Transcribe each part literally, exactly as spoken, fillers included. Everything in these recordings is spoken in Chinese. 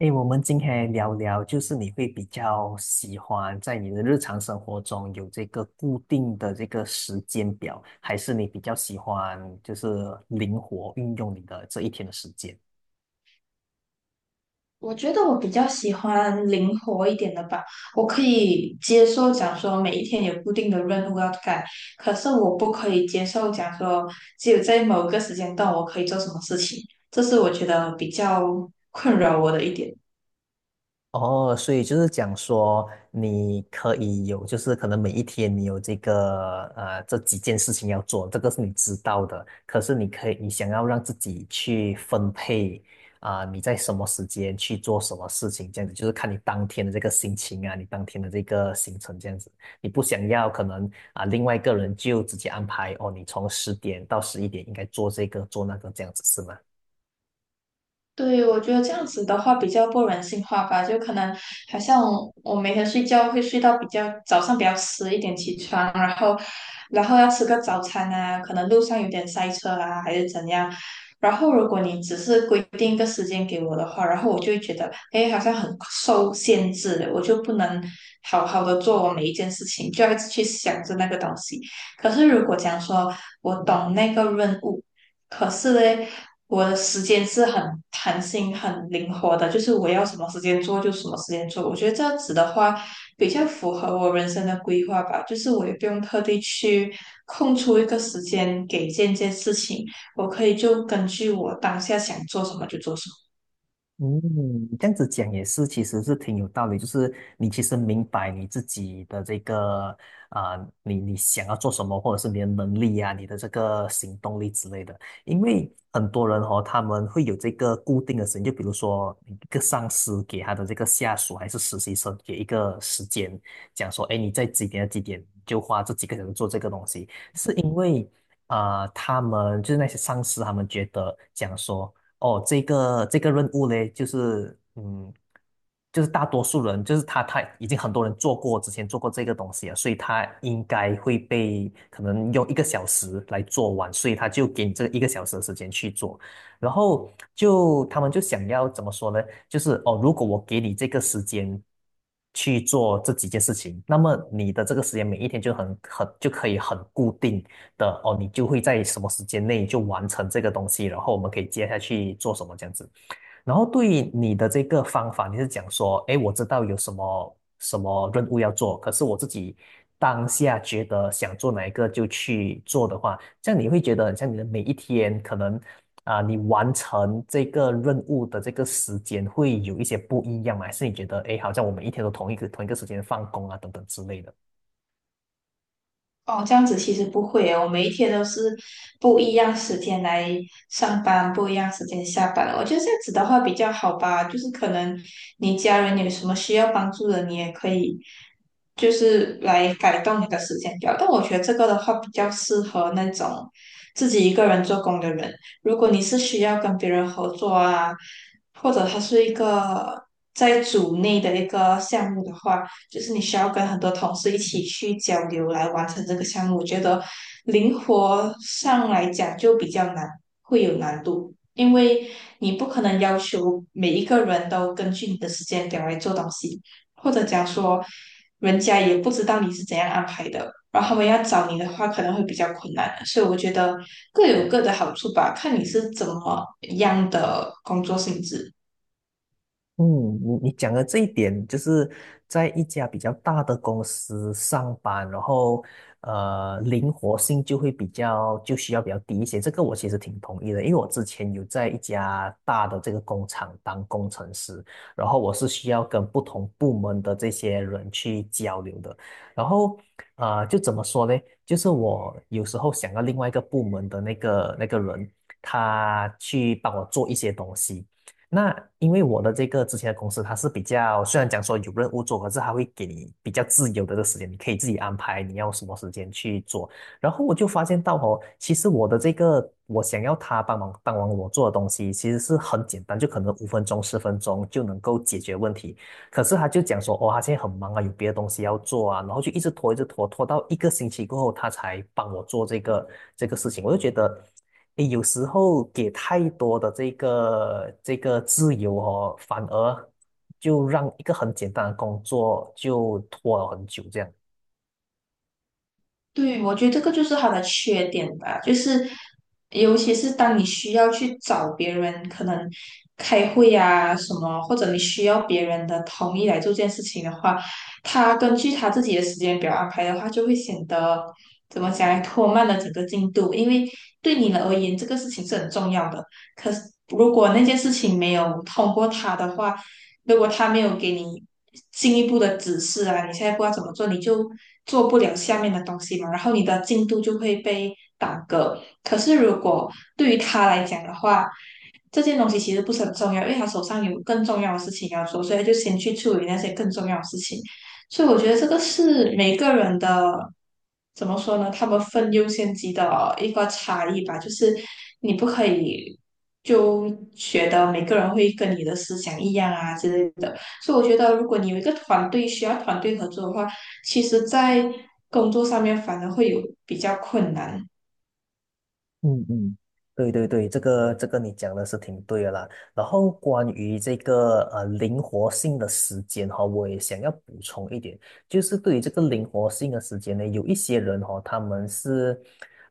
诶，我们今天来聊聊，就是你会比较喜欢在你的日常生活中有这个固定的这个时间表，还是你比较喜欢就是灵活运用你的这一天的时间？我觉得我比较喜欢灵活一点的吧，我可以接受讲说每一天有固定的任务要干，可是我不可以接受讲说只有在某个时间段我可以做什么事情，这是我觉得比较困扰我的一点。哦，所以就是讲说，你可以有，就是可能每一天你有这个呃这几件事情要做，这个是你知道的。可是你可以，你想要让自己去分配啊、你在什么时间去做什么事情，这样子就是看你当天的这个心情啊，你当天的这个行程这样子。你不想要可能啊、另外一个人就直接安排哦，你从十点到十一点应该做这个做那个这样子是吗？对，我觉得这样子的话比较不人性化吧，就可能好像我每天睡觉会睡到比较早上比较迟一点起床，然后然后要吃个早餐啊，可能路上有点塞车啊，还是怎样。然后如果你只是规定一个时间给我的话，然后我就会觉得，哎，好像很受限制，我就不能好好的做我每一件事情，就要一直去想着那个东西。可是如果讲说我懂那个任务。可是嘞，我的时间是很弹性、很灵活的，就是我要什么时间做就什么时间做。我觉得这样子的话，比较符合我人生的规划吧。就是我也不用特地去空出一个时间给这件事情，我可以就根据我当下想做什么就做什么。嗯，这样子讲也是，其实是挺有道理。就是你其实明白你自己的这个啊、你你想要做什么，或者是你的能力啊，你的这个行动力之类的。因为很多人哦，他们会有这个固定的时间，就比如说一个上司给他的这个下属还是实习生给一个时间，讲说，哎，你在几点到几点就花这几个小时做这个东西，是因为啊、他们就是那些上司，他们觉得讲说。哦，这个这个任务呢，就是嗯，就是大多数人，就是他他已经很多人做过，之前做过这个东西了，所以他应该会被可能用一个小时来做完，所以他就给你这一个小时的时间去做，然后就他们就想要怎么说呢？就是哦，如果我给你这个时间去做这几件事情，那么你的这个时间每一天就很很就可以很固定。的哦，你就会在什么时间内就完成这个东西，然后我们可以接下去做什么这样子。然后对于你的这个方法，你是讲说，诶，我知道有什么什么任务要做，可是我自己当下觉得想做哪一个就去做的话，这样你会觉得很像你的每一天可能啊、你完成这个任务的这个时间会有一些不一样吗？还是你觉得，诶，好像我们一天都同一个同一个时间放工啊，等等之类的？哦，这样子其实不会耶，我每一天都是不一样时间来上班，不一样时间下班。我觉得这样子的话比较好吧，就是可能你家人有什么需要帮助的，你也可以就是来改动你的时间表。但我觉得这个的话比较适合那种自己一个人做工的人。如果你是需要跟别人合作啊，或者它是一个在组内的一个项目的话。就是你需要跟很多同事一起去交流来完成这个项目。我觉得灵活上来讲就比较难，会有难度，因为你不可能要求每一个人都根据你的时间表来做东西，或者讲说人家也不知道你是怎样安排的，然后他们要找你的话可能会比较困难。所以我觉得各有各的好处吧，看你是怎么样的工作性质。嗯，你你讲的这一点，就是在一家比较大的公司上班，然后呃，灵活性就会比较就需要比较低一些。这个我其实挺同意的，因为我之前有在一家大的这个工厂当工程师，然后我是需要跟不同部门的这些人去交流的，然后呃，就怎么说呢？就是我有时候想要另外一个部门的那个那个人，他去帮我做一些东西。那因为我的这个之前的公司，它是比较虽然讲说有任务做，可是它会给你比较自由的这个时间，你可以自己安排你要什么时间去做。然后我就发现到哦，其实我的这个我想要他帮忙帮忙我做的东西，其实是很简单，就可能五分钟、十分钟就能够解决问题。可是他就讲说，哦，他现在很忙啊，有别的东西要做啊，然后就一直拖，一直拖，拖到一个星期过后，他才帮我做这个这个事情。我就觉得。诶有时候给太多的这个这个自由哦，反而就让一个很简单的工作就拖了很久这样。对，我觉得这个就是他的缺点吧，就是尤其是当你需要去找别人，可能开会呀、什么，或者你需要别人的同意来做这件事情的话，他根据他自己的时间表安排的话，就会显得怎么讲，拖慢了整个进度，因为对你而言，这个事情是很重要的。可是如果那件事情没有通过他的话，如果他没有给你进一步的指示啊，你现在不知道怎么做，你就做不了下面的东西嘛，然后你的进度就会被耽搁。可是如果对于他来讲的话，这件东西其实不是很重要，因为他手上有更重要的事情要做，所以他就先去处理那些更重要的事情。所以我觉得这个是每个人的怎么说呢？他们分优先级的一个差异吧，就是你不可以就觉得每个人会跟你的思想一样啊之类的。所以我觉得，如果你有一个团队需要团队合作的话，其实在工作上面反而会有比较困难。嗯嗯，对对对，这个这个你讲的是挺对的啦。然后关于这个呃灵活性的时间哈、我也想要补充一点，就是对于这个灵活性的时间呢，有一些人哈、他们是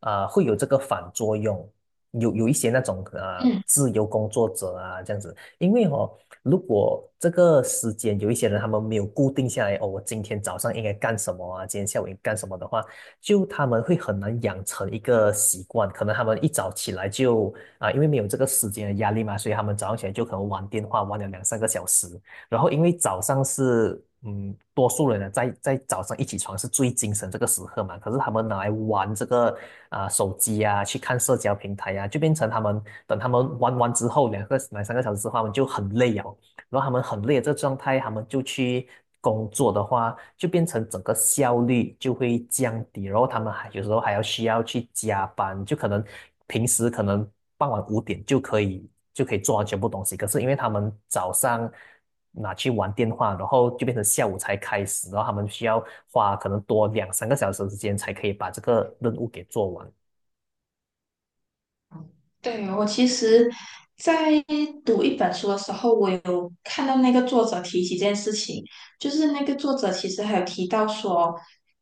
啊、会有这个反作用，有有一些那种啊、嗯。自由工作者啊这样子，因为哦，如果这个时间有一些人他们没有固定下来，哦，我今天早上应该干什么啊，今天下午应该干什么的话。就他们会很难养成一个习惯，可能他们一早起来就啊、因为没有这个时间的压力嘛，所以他们早上起来就可能玩电话玩了两三个小时，然后因为早上是嗯，多数人呢在在早上一起床是最精神这个时刻嘛，可是他们拿来玩这个啊、手机啊，去看社交平台啊，就变成他们等他们玩完之后两个两三个小时之后，他们就很累啊，然后他们很累的这个状态，他们就去工作的话，就变成整个效率就会降低，然后他们还有时候还要需要去加班，就可能平时可能傍晚五点就可以就可以做完全部东西，可是因为他们早上拿去玩电话，然后就变成下午才开始，然后他们需要花可能多两三个小时的时间才可以把这个任务给做完。对，我其实，在读一本书的时候，我有看到那个作者提起这件事情，就是那个作者其实还有提到说，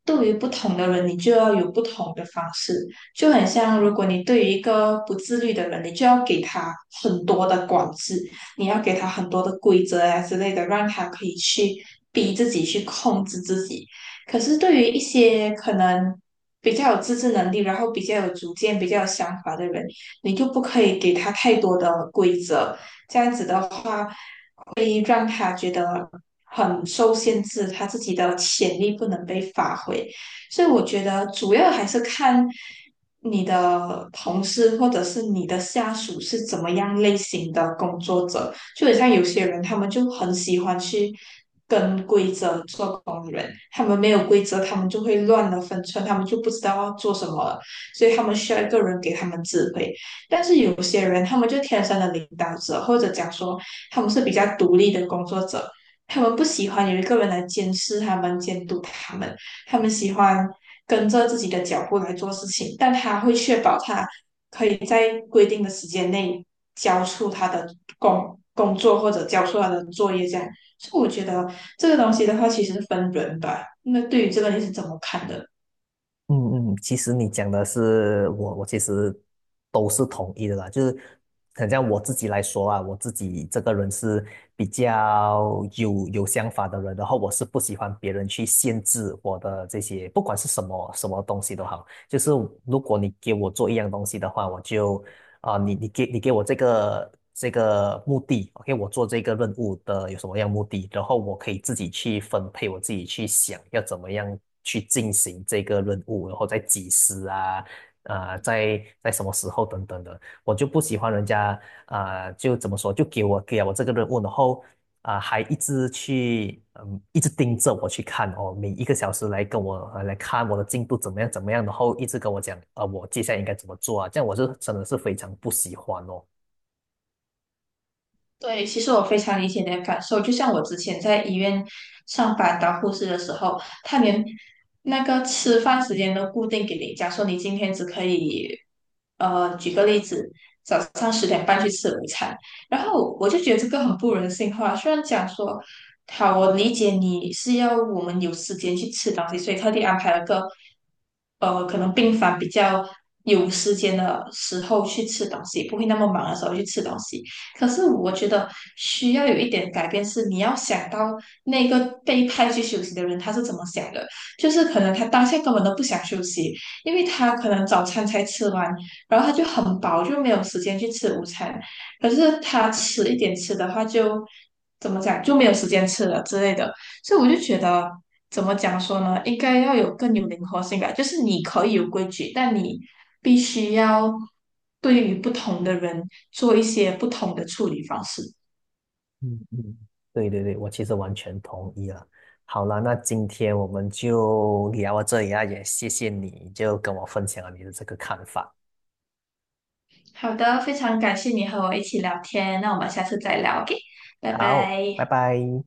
对于不同的人，你就要有不同的方式，就很像如果你对于一个不自律的人，你就要给他很多的管制，你要给他很多的规则啊之类的，让他可以去逼自己去控制自己。可是对于一些可能比较有自制能力，然后比较有主见、比较有想法的人，你就不可以给他太多的规则，这样子的话会让他觉得很受限制，他自己的潜力不能被发挥。所以我觉得主要还是看你的同事或者是你的下属是怎么样类型的工作者。就很像有些人，他们就很喜欢去跟规则做工人，他们没有规则，他们就会乱了分寸，他们就不知道要做什么了，所以他们需要一个人给他们指挥。但是有些人他们就天生的领导者，或者讲说他们是比较独立的工作者，他们不喜欢有一个人来监视他们、监督他们，他们喜欢跟着自己的脚步来做事情，但他会确保他可以在规定的时间内交出他的工工作或者交出他的作业这样。所以我觉得这个东西的话，其实是分人吧。那对于这个你是怎么看的？嗯嗯，其实你讲的是我，我其实都是同意的啦。就是很像我自己来说啊，我自己这个人是比较有有想法的人，然后我是不喜欢别人去限制我的这些，不管是什么什么东西都好。就是如果你给我做一样东西的话，我就啊、你你给你给我这个这个目的，OK，我做这个任务的有什么样目的，然后我可以自己去分配，我自己去想要怎么样去进行这个任务，然后再几时啊，啊、在在什么时候等等的，我就不喜欢人家啊、就怎么说，就给我给了我这个任务，然后啊，还一直去，嗯，一直盯着我去看哦，每一个小时来跟我呃来看我的进度怎么样怎么样，然后一直跟我讲，呃，我接下来应该怎么做啊？这样我是真的是非常不喜欢哦。对，其实我非常理解你的感受。就像我之前在医院上班当护士的时候，他连那个吃饭时间都固定给你，假如说你今天只可以，呃，举个例子，早上十点半去吃午餐，然后我就觉得这个很不人性化。虽然讲说，好，我理解你是要我们有时间去吃东西，所以特地安排了个，呃，可能病房比较有时间的时候去吃东西，不会那么忙的时候去吃东西。可是我觉得需要有一点改变，是你要想到那个被派去休息的人他是怎么想的，就是可能他当下根本都不想休息，因为他可能早餐才吃完，然后他就很饱，就没有时间去吃午餐。可是他迟一点吃的话就，怎么讲就没有时间吃了之类的。所以我就觉得，怎么讲说呢？应该要有更有灵活性吧。就是你可以有规矩，但你必须要对于不同的人做一些不同的处理方式。嗯嗯，对对对，我其实完全同意了。好了，那今天我们就聊到这里啊，也谢谢你就跟我分享了你的这个看法。好的，非常感谢你和我一起聊天，那我们下次再聊，O K，拜好，拜拜。拜。